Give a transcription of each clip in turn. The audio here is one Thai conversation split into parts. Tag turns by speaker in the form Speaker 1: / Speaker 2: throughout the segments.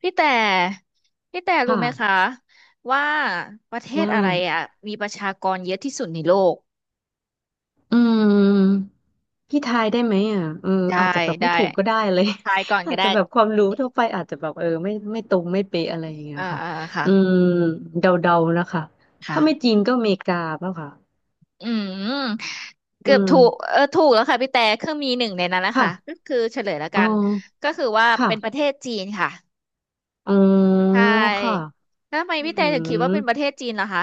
Speaker 1: พี่แต่
Speaker 2: ค
Speaker 1: รู้ไหมคะ
Speaker 2: ่ะ
Speaker 1: ว่าประเทศ
Speaker 2: ว่า
Speaker 1: อะไรอ่ะมีประชากรเยอะที่สุดในโลก
Speaker 2: อืมพี่ทายได้ไหมอ่ะเออ
Speaker 1: ได้
Speaker 2: อาจจะแบบ
Speaker 1: ได้
Speaker 2: ไม่ถูกก็ได้เลย
Speaker 1: ทายก่อน
Speaker 2: อา
Speaker 1: ก็
Speaker 2: จ
Speaker 1: ได้
Speaker 2: จะแบบความรู้ทั่วไปอาจจะแบบเออไม่ตรงไม่เป๊ะอะไรอย่างเงี้ย
Speaker 1: อ่า
Speaker 2: ค่ะ
Speaker 1: อ่าค่ะ
Speaker 2: อืมเดาๆนะคะถ้าไม่
Speaker 1: ค่ะ
Speaker 2: จีนก็อเมริกาเปล่ะค่ะ
Speaker 1: อืม
Speaker 2: อื
Speaker 1: เกือบ
Speaker 2: ม
Speaker 1: ถูกเออถูกแล้วค่ะพี่แต่คือมีหนึ่งในนั้นนะ
Speaker 2: ค่ะ
Speaker 1: คะก็คือเฉลยแล้ว
Speaker 2: อ๋
Speaker 1: กั
Speaker 2: อ
Speaker 1: นก็คือว่า
Speaker 2: ค่ะ
Speaker 1: เป็นประเทศจีนค่ะ
Speaker 2: อ๋อ
Speaker 1: ใช
Speaker 2: ค่ะ
Speaker 1: ่แล้วทำไม
Speaker 2: อื
Speaker 1: พี่แต่ถึงคิดว่าเป็นประเท
Speaker 2: ม
Speaker 1: ศจีนล่ะคะ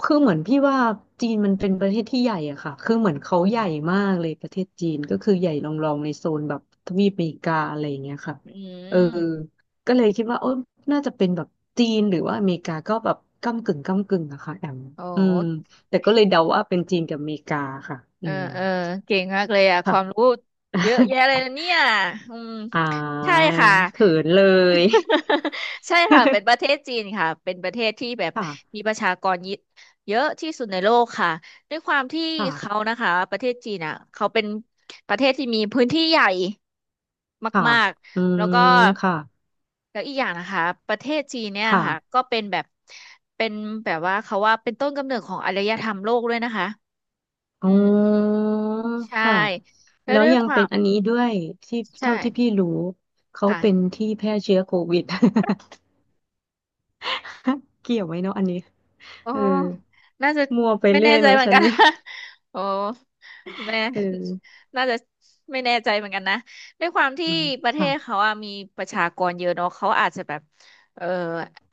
Speaker 2: คือเหมือนพี่ว่าจีนมันเป็นประเทศที่ใหญ่อะค่ะคือเหมือนเขา
Speaker 1: อื
Speaker 2: ให
Speaker 1: ม
Speaker 2: ญ่มากเลยประเทศจีนก็คือใหญ่รองๆในโซนแบบทวีปอเมริกาอะไรอย่างเงี้ยค่ะ
Speaker 1: อื
Speaker 2: เออ
Speaker 1: ม
Speaker 2: ก็เลยคิดว่าโอ้น่าจะเป็นแบบจีนหรือว่าอเมริกาก็แบบก้ำกึ่งก้ำกึ่งอะค่ะแอม
Speaker 1: โอ
Speaker 2: อืม
Speaker 1: ้
Speaker 2: แต่ก็เลยเดาว่าเป็นจีนกับอเมริกาค่ะ
Speaker 1: เอ
Speaker 2: อื
Speaker 1: อ
Speaker 2: ม
Speaker 1: เก่งมากเลยอ่ะค
Speaker 2: ค่ะ
Speaker 1: วามรู้เยอะแยะเลย นะเนี่ยอืม
Speaker 2: อา
Speaker 1: ใช่
Speaker 2: ย
Speaker 1: ค่ะ
Speaker 2: เขินเลย
Speaker 1: ใช่ค่ะ เป็นประเทศจีนค่ะเป็นประเทศที่แบบมี
Speaker 2: ค่ะ
Speaker 1: ประชากรเยอะเยอะที่สุดในโลกค่ะด้วยความที่เขา
Speaker 2: ค่ะ
Speaker 1: นะคะประเทศจีนอ่ะเขาเป็นประเทศที่มีพื้นที่ใหญ่
Speaker 2: ค่ะ
Speaker 1: มาก
Speaker 2: อื
Speaker 1: ๆแล้วก็
Speaker 2: มค่ะ
Speaker 1: แล้วอีกอย่างนะคะประเทศจีนเนี่ย
Speaker 2: ค่ะ
Speaker 1: ค่ะก็เป็นแบบเป็นว่าเขาว่าเป็นต้นกำเนิดของอารยธรรมโลกด้วยนะคะ
Speaker 2: อ๋
Speaker 1: อืม
Speaker 2: อ
Speaker 1: ใช่
Speaker 2: ค่ะ
Speaker 1: แล้ว
Speaker 2: แล้ว
Speaker 1: ด้วย
Speaker 2: ยัง
Speaker 1: ควา
Speaker 2: เป็น
Speaker 1: ม
Speaker 2: อันนี้ด้วยที่
Speaker 1: ใช่
Speaker 2: เท่าที่พี่รู้เขาเป็น
Speaker 1: ค่ะ
Speaker 2: ที่แพร่เชื้อโควิด เกี่ยวไหมเนาะอันนี้
Speaker 1: โอ้
Speaker 2: เออ
Speaker 1: น่าจะ
Speaker 2: มัวไป
Speaker 1: ไม่
Speaker 2: เรื่
Speaker 1: แน่
Speaker 2: อย
Speaker 1: ใจ
Speaker 2: เนาะ
Speaker 1: เหมือน
Speaker 2: ฉัน
Speaker 1: กัน
Speaker 2: เนี่ย
Speaker 1: โอ้แม่
Speaker 2: เออ
Speaker 1: น่าจะไม่แน่ใจเหมือนกันนะด้วยความที่
Speaker 2: อืม
Speaker 1: ประเทศ
Speaker 2: ค่ะ
Speaker 1: เขาอะมีประชากรเยอะเนาะเขาอาจจะแบบเออ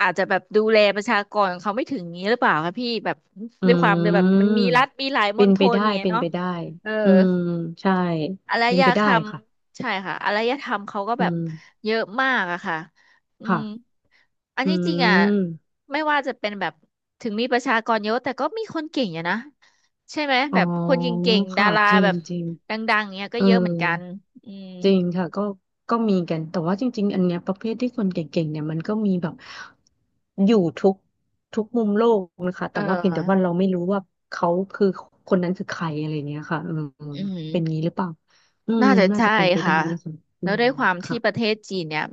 Speaker 1: อาจจะแบบดูแลประชากรของเขาไม่ถึงนี้หรือเปล่าคะพี่แบบ
Speaker 2: อื
Speaker 1: ด้วยความเลยแบบมั
Speaker 2: ม
Speaker 1: นมีรัฐมีหลายม
Speaker 2: เป็
Speaker 1: ณ
Speaker 2: น
Speaker 1: ฑ
Speaker 2: ไป
Speaker 1: ล
Speaker 2: ได้
Speaker 1: อย่างเงี้ย
Speaker 2: เป็น
Speaker 1: เนาะ
Speaker 2: ไปได้
Speaker 1: เออ
Speaker 2: อืมใช่
Speaker 1: อาร
Speaker 2: เป็น
Speaker 1: ย
Speaker 2: ไป
Speaker 1: ธ
Speaker 2: ได้
Speaker 1: รรม
Speaker 2: ค่ะ
Speaker 1: ใช่ค่ะอารยธรรมเขาก็
Speaker 2: อื
Speaker 1: แบบ
Speaker 2: ม
Speaker 1: เยอะมากอะค่ะอืม
Speaker 2: ค่ะ
Speaker 1: อัน
Speaker 2: อื
Speaker 1: นี้จริงอะ
Speaker 2: ม
Speaker 1: ไม่ว่าจะเป็นแบบถึงมีประชากรเยอะแต่ก็มีคนเก่งอยู่นะใช่ไหม
Speaker 2: อ๋อ
Speaker 1: แบบคนเก่งๆดา
Speaker 2: ค่ะ
Speaker 1: รา
Speaker 2: จริ
Speaker 1: แบ
Speaker 2: ง
Speaker 1: บ
Speaker 2: จริง
Speaker 1: ดังๆเนี้ยก็
Speaker 2: เออ
Speaker 1: เยอะเหมือนกันอืม
Speaker 2: จริงค่ะก็ก็มีกันแต่ว่าจริงๆอันเนี้ยประเภทที่คนเก่งๆเนี่ยมันก็มีแบบอยู่ทุกมุมโลกนะคะ
Speaker 1: เอ
Speaker 2: แต่ว่าเพียงแต่ว่า
Speaker 1: อ
Speaker 2: เราไม่รู้ว่าเขาคือคนนั้นคือใครอะไรเนี้ยค่ะอืม
Speaker 1: อื
Speaker 2: เป็นงี้
Speaker 1: ม
Speaker 2: หรือเปล่าอืม
Speaker 1: น่าจะ
Speaker 2: น่า
Speaker 1: ใช่
Speaker 2: จะเป็นไปได้
Speaker 1: ค่ะ
Speaker 2: นะคะอื
Speaker 1: แล้ว
Speaker 2: ม
Speaker 1: ด้วยความที่
Speaker 2: ค่ะ
Speaker 1: ประเทศจีนเนี่ย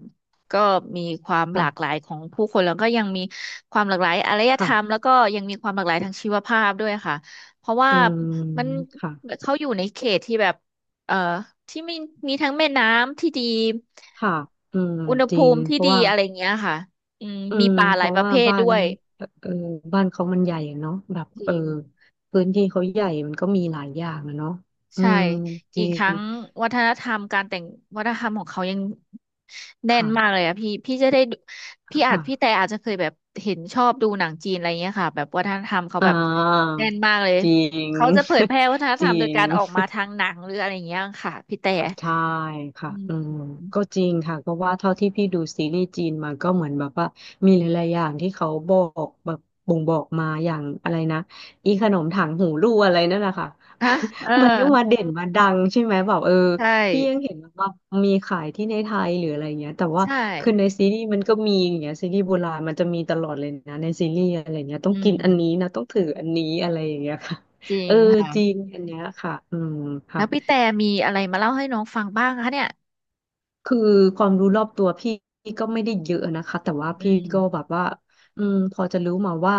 Speaker 1: ก็มีความห
Speaker 2: ค่ะ
Speaker 1: ลากหลายของผู้คนแล้วก็ยังมีความหลากหลายอารยธรรมแล้ว
Speaker 2: ค่ะ
Speaker 1: ก็ยังมีความหลากหลายทางชีวภาพด้วยค่ะเพราะว่า
Speaker 2: อืม
Speaker 1: มัน
Speaker 2: ค่ะ
Speaker 1: เขาอยู่ในเขตที่แบบเอ่อที่มีทั้งแม่น้ำที่ดี
Speaker 2: ค่ะอืม
Speaker 1: อุณห
Speaker 2: จริ
Speaker 1: ภู
Speaker 2: ง
Speaker 1: มิ
Speaker 2: เพ
Speaker 1: ที่
Speaker 2: ราะ
Speaker 1: ดี
Speaker 2: ว่า
Speaker 1: อะไรเงี้ยค่ะอืมมีปลา
Speaker 2: เพ
Speaker 1: หลาย
Speaker 2: ราะ
Speaker 1: ประ
Speaker 2: ว่า
Speaker 1: เภท
Speaker 2: บ้า
Speaker 1: ด้
Speaker 2: น
Speaker 1: วย
Speaker 2: เออบ้านเขามันใหญ่อะเนาะแบบ
Speaker 1: จ
Speaker 2: เอ
Speaker 1: ริ
Speaker 2: อ
Speaker 1: ง
Speaker 2: พื้นที่เขาใหญ่มันก็มีหลายอย่างอะเนาะอื
Speaker 1: ใช่
Speaker 2: มจ
Speaker 1: อี
Speaker 2: ริ
Speaker 1: กทั้
Speaker 2: ง
Speaker 1: งวัฒนธรรมการแต่งวัฒนธรรมของเขายังแน่น
Speaker 2: ค่ะ
Speaker 1: มากเลยอะพี่จะได้ดูพี่แต่
Speaker 2: ค่ะ
Speaker 1: อาจจะเคยแบบเห็นชอบดูหนังจีนอะไรเงี้ยค่ะแบบวัฒนธรรมเขา
Speaker 2: อ่า
Speaker 1: แบบแน่นมากเลย
Speaker 2: จริง
Speaker 1: เขาจะเผยแพร่วัฒน ธ
Speaker 2: จ
Speaker 1: ร
Speaker 2: ริ
Speaker 1: รมโดย
Speaker 2: ง
Speaker 1: การออกมาทางหนังหรืออะไรเงี้ยค่ะพี่แต่
Speaker 2: ใช่ค่ะอืม
Speaker 1: อืม
Speaker 2: ก็จริงค่ะ เพราะว่าเท่าที่พี่ดูซีรีส์จีนมาก็เหมือนแบบว่ามีหลายๆอย่างที่เขาบอกแบบบ่งบอกมาอย่างอะไรนะอีขนมถังหูรูอะไรนั่นแหละค่ะ
Speaker 1: ฮะเออ
Speaker 2: มันก็มาเด่นมาดังใช่ไหมแบบเออ
Speaker 1: ใช่
Speaker 2: พี่ยังเห็นแบบว่ามีขายที่ในไทยหรืออะไรเงี้ยแต่ว่า
Speaker 1: ใช่
Speaker 2: คือในซีรีส์มันก็มีอย่างเงี้ยซีรีส์โบราณมันจะมีตลอดเลยนะในซีรีส์อะไรเงี้ยต้อ
Speaker 1: อื
Speaker 2: งกิน
Speaker 1: ม
Speaker 2: อันนี้นะต้องถืออันนี้อะไรอย่างเงี้ยค่ะ
Speaker 1: จริ
Speaker 2: เอ
Speaker 1: ง
Speaker 2: อ
Speaker 1: ค่ะ
Speaker 2: จริงอันเนี้ยค่ะอืม
Speaker 1: แล้
Speaker 2: ค่ะ
Speaker 1: วพี่แต่มีอะไรมาเล่าให้น้องฟังบ้างคะเนี่ย
Speaker 2: คือความรู้รอบตัวพี่ก็ไม่ได้เยอะนะคะแต่ว่า
Speaker 1: อื
Speaker 2: พี่
Speaker 1: ม
Speaker 2: ก็แบบว่าพอจะรู้มาว่า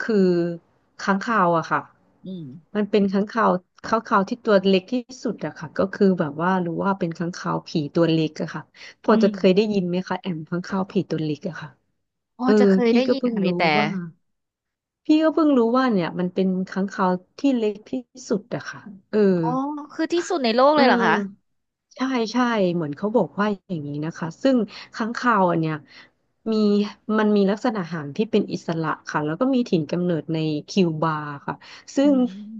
Speaker 2: คือค้างคาวอะค่ะ
Speaker 1: อืม
Speaker 2: มันเป็นค้างคาวที่ตัวเล็กที่สุดอะค่ะก็คือแบบว่ารู้ว่าเป็นค้างคาวผีตัวเล็กอะค่ะพ
Speaker 1: อื
Speaker 2: อจะ
Speaker 1: ม
Speaker 2: เคยได้ยินไหมคะแอมค้างคาวผีตัวเล็กอะค่ะ
Speaker 1: อ๋อ
Speaker 2: เออ
Speaker 1: จะเคย
Speaker 2: พี่
Speaker 1: ได้
Speaker 2: ก็
Speaker 1: ยิน
Speaker 2: เพิ่ง
Speaker 1: ค่ะพี่
Speaker 2: รู้
Speaker 1: แต่
Speaker 2: ว่า เนี่ยมันเป็นค้างคาวที่เล็กที่สุดอะค่ะเออ
Speaker 1: อ๋อคือที่สุดในโลก
Speaker 2: เอ
Speaker 1: เล
Speaker 2: อ
Speaker 1: ยเหรอคะ
Speaker 2: ใช่ใช่เหมือนเขาบอกว่าอย่างนี้นะคะซึ่งค้างคาวอันเนี้ยมีมันมีลักษณะหางที่เป็นอิสระค่ะแล้วก็มีถิ่นกำเนิดในคิวบาค่ะซึ่
Speaker 1: อื
Speaker 2: ง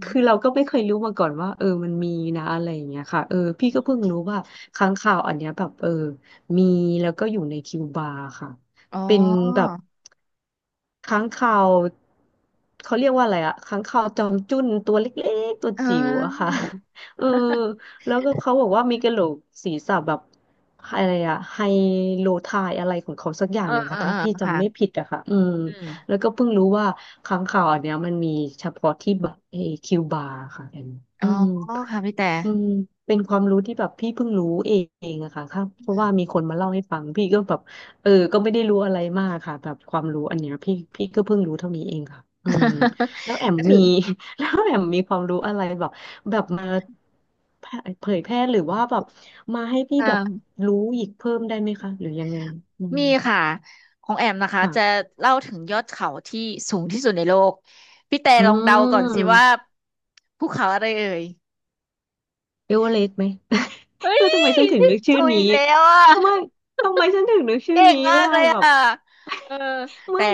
Speaker 2: คือ
Speaker 1: ม
Speaker 2: เราก็ไม่เคยรู้มาก่อนว่าเออมันมีนะอะไรอย่างเงี้ยค่ะเออพี่ก็เพิ่งรู้ว่าค้างคาวอันเนี้ยแบบเออมีแล้วก็อยู่ในคิวบาค่ะ
Speaker 1: อ๋อ
Speaker 2: เป็นแบบ ค้างคาวเขาเรียกว่าอะไรอะค้างคาวจอมจุ้นตัวเล็กๆตัว
Speaker 1: เอ
Speaker 2: จิ๋วอะ
Speaker 1: อ
Speaker 2: ค่ะ เออแล้วก็เขาบอกว่ามีกระโหลกศีรษะแบบอะไรอะไฮโลไทายอะไรของเขาสักอย่างหนึ่ง
Speaker 1: เออ
Speaker 2: ค่ะ
Speaker 1: เอ
Speaker 2: ถ้า
Speaker 1: อ
Speaker 2: พี่จำไม่
Speaker 1: ค่ะ
Speaker 2: ผิดอะค่ะอืม
Speaker 1: อืม
Speaker 2: แล้วก็เพิ่งรู้ว่าค้างคาวอันเนี้ยมันมีเฉพาะที่แบบเอคิวบาร์ค่ะอันนี้
Speaker 1: อ๋
Speaker 2: อื
Speaker 1: อ
Speaker 2: ม
Speaker 1: ค่ะพี่แต่
Speaker 2: อืมเป็นความรู้ที่แบบพี่เพิ่งรู้เองอะค่ะครับเพราะว่ามีคนมาเล่าให้ฟังพี่ก็แบบเออก็ไม่ได้รู้อะไรมากค่ะแบบความรู้อันเนี้ยพี่ก็เพิ่งรู้เท่านี้เองค่ะอืม แล้วแอม
Speaker 1: ก็ถื
Speaker 2: มี
Speaker 1: อ
Speaker 2: แล้วแอมมีความรู้อะไรแบบแบบมารเผยแพร่หรือว่าแบบมาให้พี่แบบ
Speaker 1: อ่า
Speaker 2: รู้อีกเพิ่มได้ไหมคะหรือยังไงอืม
Speaker 1: มีค่ะของแอมนะคะจะ
Speaker 2: ค่ะ
Speaker 1: เล่าถึงยอดเขาที่สูงที่สุดในโลกพี่แต่
Speaker 2: อื
Speaker 1: ลองเดาก่อนสิว่า
Speaker 2: ม
Speaker 1: ภูเขาอะไรเอ่ย
Speaker 2: เอเวอเรสต์ไหม
Speaker 1: เฮ้
Speaker 2: เอ
Speaker 1: ย
Speaker 2: อทำไมฉันถึง
Speaker 1: พี่
Speaker 2: นึกชื่อ
Speaker 1: ถูก
Speaker 2: นี้
Speaker 1: อีกแล้วอ่ะ
Speaker 2: ไม่ทำไมฉันถึงนึกชื่อ
Speaker 1: เก่ง
Speaker 2: นี้
Speaker 1: มา
Speaker 2: ไม่
Speaker 1: ก
Speaker 2: ได้
Speaker 1: เลย
Speaker 2: แบบ
Speaker 1: อ่ะเออ
Speaker 2: ไม่
Speaker 1: แต่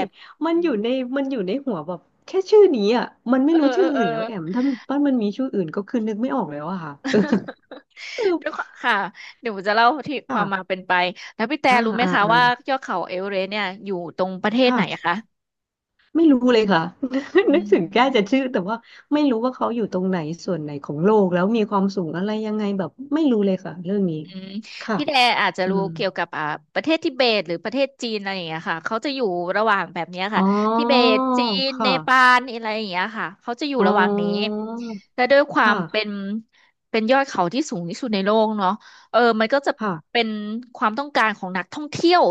Speaker 2: มันอยู่ในมันอยู่ในหัวแบบแค่ชื่อนี้อ่ะมันไม่รู้ชื่อ
Speaker 1: เอ
Speaker 2: อื่
Speaker 1: อ
Speaker 2: นแล้วแอมถ้ามันมีชื่ออื่นก็คือนึกไม่ออกแล้วอะค่ะเออ เออ
Speaker 1: ด้วยความค่ะเดี๋ยวผมจะเล่าที่ความมา
Speaker 2: ค่ะ
Speaker 1: เป็นไปแล้วพี่แต่
Speaker 2: อ่า
Speaker 1: รู้ไหม
Speaker 2: อ่า
Speaker 1: คะ
Speaker 2: อ่า
Speaker 1: ว่ายอดเขาเอเวอเรสต์เนี่ยอยู่ตรงประเทศไหนอะ
Speaker 2: ค่ะ
Speaker 1: คะ
Speaker 2: ไม่รู้เลยค่ะ
Speaker 1: อื
Speaker 2: นึกถึงแค่จะ
Speaker 1: ม
Speaker 2: ชื่อแต่ว่าไม่รู้ว่าเขาอยู่ตรงไหนส่วนไหนของโลกแล้วมีความสูงอะไรยังไงแบบไม่รู้เลยค่ะเรื่องนี้
Speaker 1: อืม
Speaker 2: ค่ะ
Speaker 1: พี่แดอาจจะ
Speaker 2: อื
Speaker 1: รู้
Speaker 2: ม
Speaker 1: เกี่ยวกับประเทศทิเบตหรือประเทศจีนอะไรอย่างเงี้ยค่ะเขาจะอยู่ระหว่างแบบเนี้ย
Speaker 2: อ๋
Speaker 1: ค่ะ
Speaker 2: อ
Speaker 1: ทิเบตจีน
Speaker 2: ค
Speaker 1: เนปา
Speaker 2: ่ะ
Speaker 1: ลอะไรอย่างเงี้ยค่ะเขาจะอยู่
Speaker 2: อ๋อ
Speaker 1: ระหว่างนี้แต่ด้วยความ
Speaker 2: ค่ะ
Speaker 1: เป็นยอดเขาที่สูงที่สุดในโลกเนาะเออมันก็จะ
Speaker 2: ค่ะ
Speaker 1: เป็นความต้องการของนักท่องเที่ยว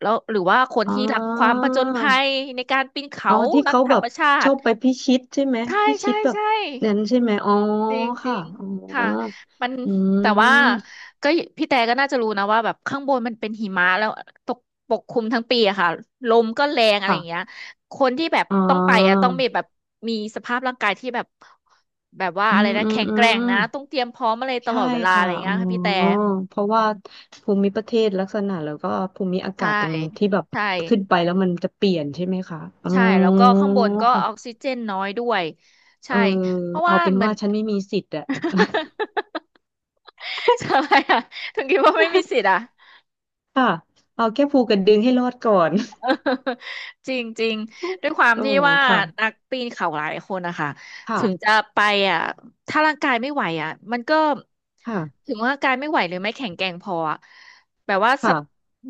Speaker 1: แล้วหรือว่าคน
Speaker 2: อ๋
Speaker 1: ที่รักความ
Speaker 2: อ
Speaker 1: ผจญภัยในการปีนเขา
Speaker 2: อ๋อที่
Speaker 1: รัก
Speaker 2: เขา
Speaker 1: ธร
Speaker 2: แบ
Speaker 1: รม
Speaker 2: บ
Speaker 1: ชา
Speaker 2: ชอ
Speaker 1: ติ
Speaker 2: บไปพิชิตใช่ไหม
Speaker 1: ใช่
Speaker 2: พิ
Speaker 1: ใช่
Speaker 2: ชิตแบบ
Speaker 1: ใช่
Speaker 2: นั้นใช่ไหมอ๋อ
Speaker 1: จริงจริ
Speaker 2: ค่ะ
Speaker 1: ง
Speaker 2: อ๋อ
Speaker 1: ค่ะมัน
Speaker 2: อื
Speaker 1: แต่ว่า
Speaker 2: ม
Speaker 1: ก็พี่แต่ก็น่าจะรู้นะว่าแบบข้างบนมันเป็นหิมะแล้วตกปกคลุมทั้งปีอะค่ะลมก็แรงอะไรอย่างเงี้
Speaker 2: ค่ะ
Speaker 1: ยคนที่แบบ
Speaker 2: อ๋อ
Speaker 1: ต้องไปอะต้องมีแบบสภาพร่างกายที่แบบแบบว่า
Speaker 2: อื
Speaker 1: อะไร
Speaker 2: ม
Speaker 1: นะ
Speaker 2: อืม
Speaker 1: แข็ง
Speaker 2: อื
Speaker 1: แกร่ง
Speaker 2: ม
Speaker 1: นะต้องเตรียมพร้อมอะไรต
Speaker 2: ใช่
Speaker 1: ลอดเวลาอะ
Speaker 2: ค่ะ
Speaker 1: ไรอย่างเงี้
Speaker 2: อ๋อ
Speaker 1: ยค่ะพี่แต่
Speaker 2: เพราะว่าภูมิประเทศลักษณะแล้วก็ภูมิอากา
Speaker 1: ใช่
Speaker 2: ศตรงที่แบบ
Speaker 1: ใช่
Speaker 2: ขึ้นไปแล้วมันจะเปลี่ยนใช่ไหมคะอ๋อ
Speaker 1: ใช่แล้วก็ข้างบนก็ออก
Speaker 2: ค่ะ
Speaker 1: ซิเจนน้อยด้วย
Speaker 2: เอ
Speaker 1: ใช่
Speaker 2: อ
Speaker 1: เพราะ
Speaker 2: เอา
Speaker 1: ว่า
Speaker 2: เป็น
Speaker 1: เหมือ
Speaker 2: ว่า
Speaker 1: น
Speaker 2: ฉันไม่มีสิทธิ์อะ
Speaker 1: ใช่อะถึงคิดว่าไม่มีสิทธิ์ อะ
Speaker 2: ค่ะเอาแค่ภูกระดึงให้รอดก่อน
Speaker 1: จริงจริงด้วยความ
Speaker 2: โอ้
Speaker 1: ที่ว่า
Speaker 2: ค่ะ
Speaker 1: นักปีนเขาหลายคนนะคะถึงจะ
Speaker 2: ค่ะ
Speaker 1: ไปอ่ะถ้าร่างกายไม่ไหวอ่ะมันก็
Speaker 2: ค่ะ
Speaker 1: ถึงว่าร่างกายไม่ไหวหรือไม่แข็งแกร่งพออะแบบว่าสะ
Speaker 2: ค่ะ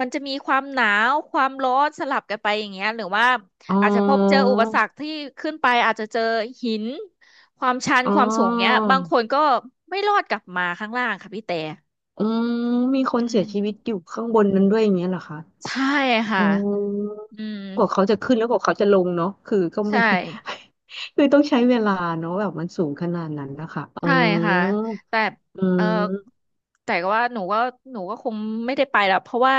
Speaker 1: มันจะมีความหนาวความร้อนสลับกันไปอย่างเงี้ยหรือว่า
Speaker 2: อ๋อ
Speaker 1: อาจจะพบเจออุปสรรคที่ขึ้นไปอาจจะเจอหินความชัน
Speaker 2: อ๋อ
Speaker 1: ความสูงเงี้ยบางคนก็ไม่รอดกลับมาข้างล่างค่ะพี่แต่
Speaker 2: อืมมีค
Speaker 1: อื
Speaker 2: นเสียชีวิต
Speaker 1: ม
Speaker 2: อยู่ข้างบนนั้นด้วยอย่างเงี้ยเหรอคะ
Speaker 1: ใช่
Speaker 2: อ๋
Speaker 1: ค่ะ
Speaker 2: อ
Speaker 1: อืม
Speaker 2: กว่าเขาจะขึ้นแล้วกว่าเขาจะลงเนาะคือก็ไม่
Speaker 1: ใช่
Speaker 2: คือต้องใช้เวลาเนาะแบบมันสูงขนาดนั้นนะคะอ๋อ
Speaker 1: ใช่ค่ะแต่
Speaker 2: อื
Speaker 1: เออ
Speaker 2: ม
Speaker 1: แต่ก็ว่าหนูก็คงไม่ได้ไปแล้วเพราะว่า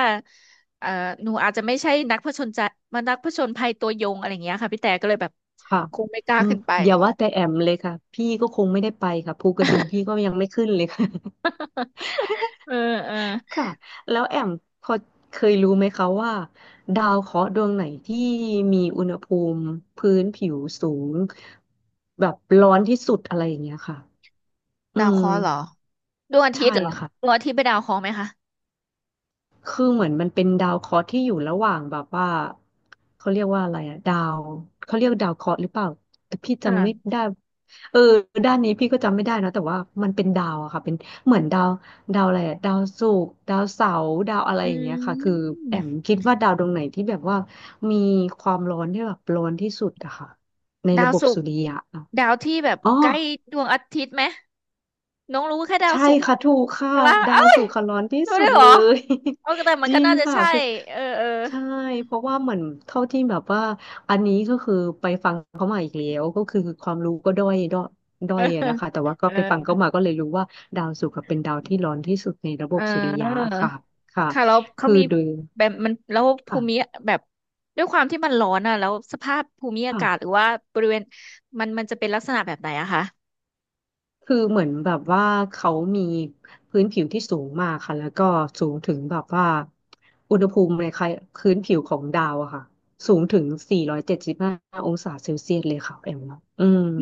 Speaker 1: เออหนูอาจจะไม่ใช่นักผจญใจมานักผจญภัยตัวยงอะไรอย่างเงี้ยค่ะพี่แต่ก็เลยแบบ
Speaker 2: ค่ะ
Speaker 1: คงไม่กล้า
Speaker 2: อืม
Speaker 1: ขึ้นไป
Speaker 2: อย่าว่าแต่แอมเลยค่ะพี่ก็คงไม่ได้ไปค่ะภูกระดึงพี่ก็ยังไม่ขึ้นเลยค่ะ
Speaker 1: เออเออ
Speaker 2: ค่ะแล้วแอมพอเคยรู้ไหมคะว่าดาวเคราะห์ดวงไหนที่มีอุณหภูมิพื้นผิวสูงแบบร้อนที่สุดอะไรอย่างเงี้ยค่ะอื
Speaker 1: ดาว
Speaker 2: ม
Speaker 1: เคราะห์เหรอดวงอาทิต
Speaker 2: ใช่
Speaker 1: ย์เหรอ
Speaker 2: ค่ะ
Speaker 1: ดวงอาทิตย์เป็นดาวเคราะห์ไหมคะ
Speaker 2: คือเหมือนมันเป็นดาวเคราะห์ที่อยู่ระหว่างแบบว่าเขาเรียกว่าอะไรอะดาวเขาเรียกดาวเคราะห์หรือเปล่าแต่พี่จำไม่
Speaker 1: อ่า
Speaker 2: ได้เออด้านนี้พี่ก็จำไม่ได้นะแต่ว่ามันเป็นดาวอะค่ะเป็นเหมือนดาวอะไรอะดาวศุกร์ดาวเสาร์ดาวอะไร
Speaker 1: อื
Speaker 2: อย่างเงี้ยค่ะคือแอม
Speaker 1: ม
Speaker 2: คิดว่าดาวดวงไหนที่แบบว่ามีความร้อนที่แบบร้อนที่สุดอะค่ะใน
Speaker 1: ดา
Speaker 2: ระ
Speaker 1: ว
Speaker 2: บบ
Speaker 1: ศุก
Speaker 2: สุ
Speaker 1: ร์
Speaker 2: ริยะอะ
Speaker 1: ดาวที่แบบ
Speaker 2: อ๋อ
Speaker 1: ใกล้ดวงอาทิตย์ไหมน้องรู้แค่ดาว
Speaker 2: ใช่
Speaker 1: ศุกร์อะ
Speaker 2: ค่ะถูกค่ะ
Speaker 1: ใช่ปะ
Speaker 2: ดา
Speaker 1: เอ้
Speaker 2: ว
Speaker 1: ย
Speaker 2: ศุกร์ค่ะร้อนที่
Speaker 1: รู้
Speaker 2: สุ
Speaker 1: ได้ว
Speaker 2: ด
Speaker 1: ยเหร
Speaker 2: เล
Speaker 1: อ
Speaker 2: ย
Speaker 1: แต่ มั
Speaker 2: จ
Speaker 1: น
Speaker 2: ริ
Speaker 1: ก็
Speaker 2: ง
Speaker 1: น่าจะ
Speaker 2: ค่ะ
Speaker 1: ใช่
Speaker 2: คือ
Speaker 1: เออ
Speaker 2: ใช่เพราะว่าเหมือนเท่าที่แบบว่าอันนี้ก็คือไปฟังเขามาอีกแล้วก็คือความรู้ก็ด้อยด้อ
Speaker 1: เออ
Speaker 2: ยอะนะคะแต่ว่าก็
Speaker 1: เอ
Speaker 2: ไปฟัง
Speaker 1: อ
Speaker 2: เขามาก็เลยรู้ว่าดาวศุกร์อะเป็นดาวที่ร้อนที่สุดในระบ
Speaker 1: เอ
Speaker 2: บ
Speaker 1: อ
Speaker 2: สุริยะ
Speaker 1: เออ
Speaker 2: ค่ะค่ะ
Speaker 1: ค่ะแล้วเขา
Speaker 2: คือ
Speaker 1: มี
Speaker 2: โดย
Speaker 1: แบบมันแล้วภู
Speaker 2: ค่ะ
Speaker 1: มิแบบด้วยความที่มันร้อนอ่ะแล้วสภาพภูมิอา
Speaker 2: ค่ะ
Speaker 1: กาศหรือว่าบริเวณมันจะเป็นลักษณะแบบไหนอะคะ
Speaker 2: คือเหมือนแบบว่าเขามีพื้นผิวที่สูงมากค่ะแล้วก็สูงถึงแบบว่าอุณหภูมิในพื้นผิวของดาวอะค่ะสูงถึง475อยเจ็ดสิบห้าองศาเซลเซียสเลยค่ะแอมเนาะอืม
Speaker 1: อื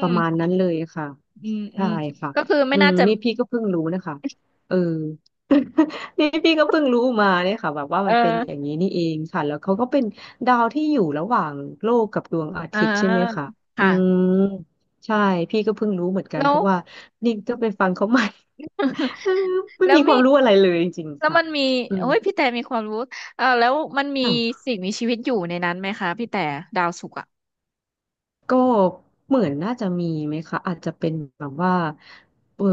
Speaker 2: ประมาณนั้นเลยค่ะ
Speaker 1: อืมอื
Speaker 2: ใช่
Speaker 1: ม
Speaker 2: ค่ะ
Speaker 1: ก็คือไม่
Speaker 2: อืม
Speaker 1: น่าจะ
Speaker 2: นี่พี่ก็เพิ่งรู้นะคะเออ นี่พี่ก็เพิ่งรู้มาเนี่ยค่ะแบบว่า
Speaker 1: เอ
Speaker 2: มันเป็นอย่าง
Speaker 1: อ
Speaker 2: นี้นี่เองค่ะแล้วเขาก็เป็นดาวที่อยู่ระหว่างโลกกับดวงอา
Speaker 1: อ่า
Speaker 2: ทิตย์ใช่ไหมคะอื
Speaker 1: ค่ะ
Speaker 2: ม ใช่พี่ก็เพิ่งรู้เหมือนกัน
Speaker 1: แล้
Speaker 2: เพ
Speaker 1: ว
Speaker 2: ราะว่านี่ก็ไปฟังเขาใหม่ เออ ไม่
Speaker 1: แล้ว
Speaker 2: มีค
Speaker 1: มี
Speaker 2: วามรู้อะไรเลยจริงๆ
Speaker 1: แล้ว
Speaker 2: ค่ะ
Speaker 1: มันมี
Speaker 2: อื
Speaker 1: โอ้
Speaker 2: ม
Speaker 1: ยพี่แต่มีความรู้แล้วมันมี
Speaker 2: อ่ะ
Speaker 1: สิ่งมีชีวิตอยู่ในนั้นไหมคะพี่แต่ดาวศุกร์อ่ะ
Speaker 2: ก็เหมือนน่าจะมีไหมคะอาจจะเป็นแบบว่าเออ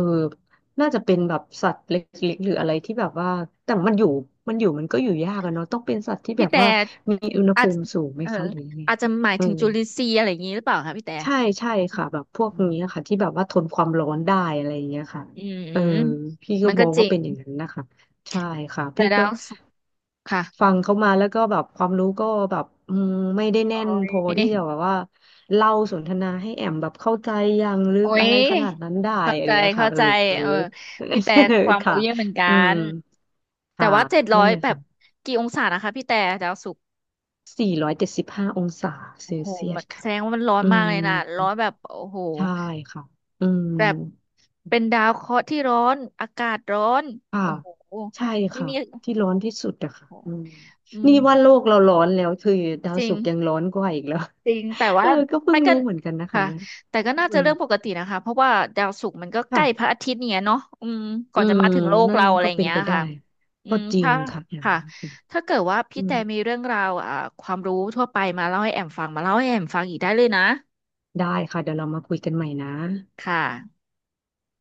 Speaker 2: น่าจะเป็นแบบสัตว์เล็กๆหรืออะไรที่แบบว่าแต่มันอยู่มันก็อยู่ยากอะเนาะต้องเป็นสัตว์ที่แบ
Speaker 1: พี่
Speaker 2: บ
Speaker 1: แต่
Speaker 2: ว่ามีอุณห
Speaker 1: อา
Speaker 2: ภู
Speaker 1: จ
Speaker 2: มิสูงไหม
Speaker 1: เออ
Speaker 2: คะหรือยังไง
Speaker 1: อาจจะหมาย
Speaker 2: เออ
Speaker 1: ถึงจุลินทรีย์อะไรอย่างนี้หรือเปล่าคะพี่แต่
Speaker 2: ใช่ค่ะแบบพวก
Speaker 1: อืม
Speaker 2: นี้ค่ะที่แบบว่าทนความร้อนได้อะไรอย่างเงี้ยค่ะ
Speaker 1: อืมอื
Speaker 2: เออ
Speaker 1: ม
Speaker 2: พี่ก็
Speaker 1: มันก็
Speaker 2: มอง
Speaker 1: จ
Speaker 2: ว่า
Speaker 1: ริง
Speaker 2: เป็นอย่างนั้นนะคะใช่ค่ะ
Speaker 1: แต่
Speaker 2: พี่ก็
Speaker 1: ดาวศุกร์ค่ะ
Speaker 2: ฟังเขามาแล้วก็แบบความรู้ก็แบบอืมไม่ได้แน่
Speaker 1: โอ้
Speaker 2: น
Speaker 1: ย
Speaker 2: พอที่จะแบบว่าเล่าสนทนาให้แอมแบบเข้าใจอย่างลึ
Speaker 1: โอ้
Speaker 2: กอะ
Speaker 1: ย
Speaker 2: ไรขนาดนั้นได้
Speaker 1: เข้า
Speaker 2: อะไร
Speaker 1: ใจ
Speaker 2: อย่างเงี้ย
Speaker 1: เข้า
Speaker 2: ค่ะเออ
Speaker 1: ใจเออ
Speaker 2: เ
Speaker 1: พี่แต่
Speaker 2: ออ
Speaker 1: ความ รู้
Speaker 2: ค่ะ
Speaker 1: เยอะเหมือนกั
Speaker 2: อืม
Speaker 1: นแต่
Speaker 2: ค่ะ
Speaker 1: ว่าเจ็ดร้
Speaker 2: นั่
Speaker 1: อ
Speaker 2: น
Speaker 1: ย
Speaker 2: เลย
Speaker 1: แบบ
Speaker 2: ค่ะ
Speaker 1: กี่องศานะคะพี่แต่ดาวศุกร์
Speaker 2: สี่ร้อยเจ็ดสิบห้าองศาเซ
Speaker 1: โอ้
Speaker 2: ล
Speaker 1: โห
Speaker 2: เซีย
Speaker 1: มั
Speaker 2: ส
Speaker 1: นแส
Speaker 2: ค่ะ
Speaker 1: ดงว่ามันร้อน
Speaker 2: อื
Speaker 1: มากเลยนะ ร้อ
Speaker 2: ม
Speaker 1: นแบบโอ้โห
Speaker 2: ใช่ค่ะอืม
Speaker 1: แบบเป็นดาวเคราะห์ที่ร้อน อากาศร้อน
Speaker 2: ค่ะ
Speaker 1: โอ้โห
Speaker 2: ใช่
Speaker 1: ไม่
Speaker 2: ค่ะ
Speaker 1: มี
Speaker 2: ที่ร้อนที่สุดอะค่ะ
Speaker 1: โอ้โห
Speaker 2: อืม
Speaker 1: อืม
Speaker 2: นี่ว่าโลกเราร้อนแล้วคือดาว
Speaker 1: จริง
Speaker 2: ศุกร์ยังร้อนกว่าอีกแล้ว
Speaker 1: จริง แต่
Speaker 2: เอ
Speaker 1: ว่า
Speaker 2: อก็เพิ่
Speaker 1: มั
Speaker 2: ง
Speaker 1: นก็
Speaker 2: รู้เหมือนกันนะคะ
Speaker 1: ค่ะ
Speaker 2: เนี่ย
Speaker 1: แต่ก็น่า
Speaker 2: เอ
Speaker 1: จะ
Speaker 2: อ
Speaker 1: เรื่องปกตินะคะ เพราะว่าดาวศุกร์มันก็ใกล้พ
Speaker 2: ค่ะ
Speaker 1: ระอาทิตย์เนี่ยเนาะอืมก่
Speaker 2: อื
Speaker 1: อนจะ
Speaker 2: ม
Speaker 1: มาถึงโลก
Speaker 2: นั่น
Speaker 1: เราอะไร
Speaker 2: ก็
Speaker 1: อย่าง
Speaker 2: เป็น
Speaker 1: เงี้ย
Speaker 2: ไปได้
Speaker 1: ค่ะอื
Speaker 2: ก็
Speaker 1: ม
Speaker 2: จริง
Speaker 1: ถ้า
Speaker 2: ค่ะอย่าง
Speaker 1: ค่ะ
Speaker 2: นั้นค่ะ
Speaker 1: ถ้าเกิดว่า
Speaker 2: อื
Speaker 1: พี่
Speaker 2: ม
Speaker 1: แต่มีเรื่องราวความรู้ทั่วไปมาเล่าให้แอมฟัง มาเล่าให้แอมฟังอีกได้เลยนะ
Speaker 2: ได้ค่ะเดี๋ยวเรามาคุยกันใหม่นะ
Speaker 1: ค่ะ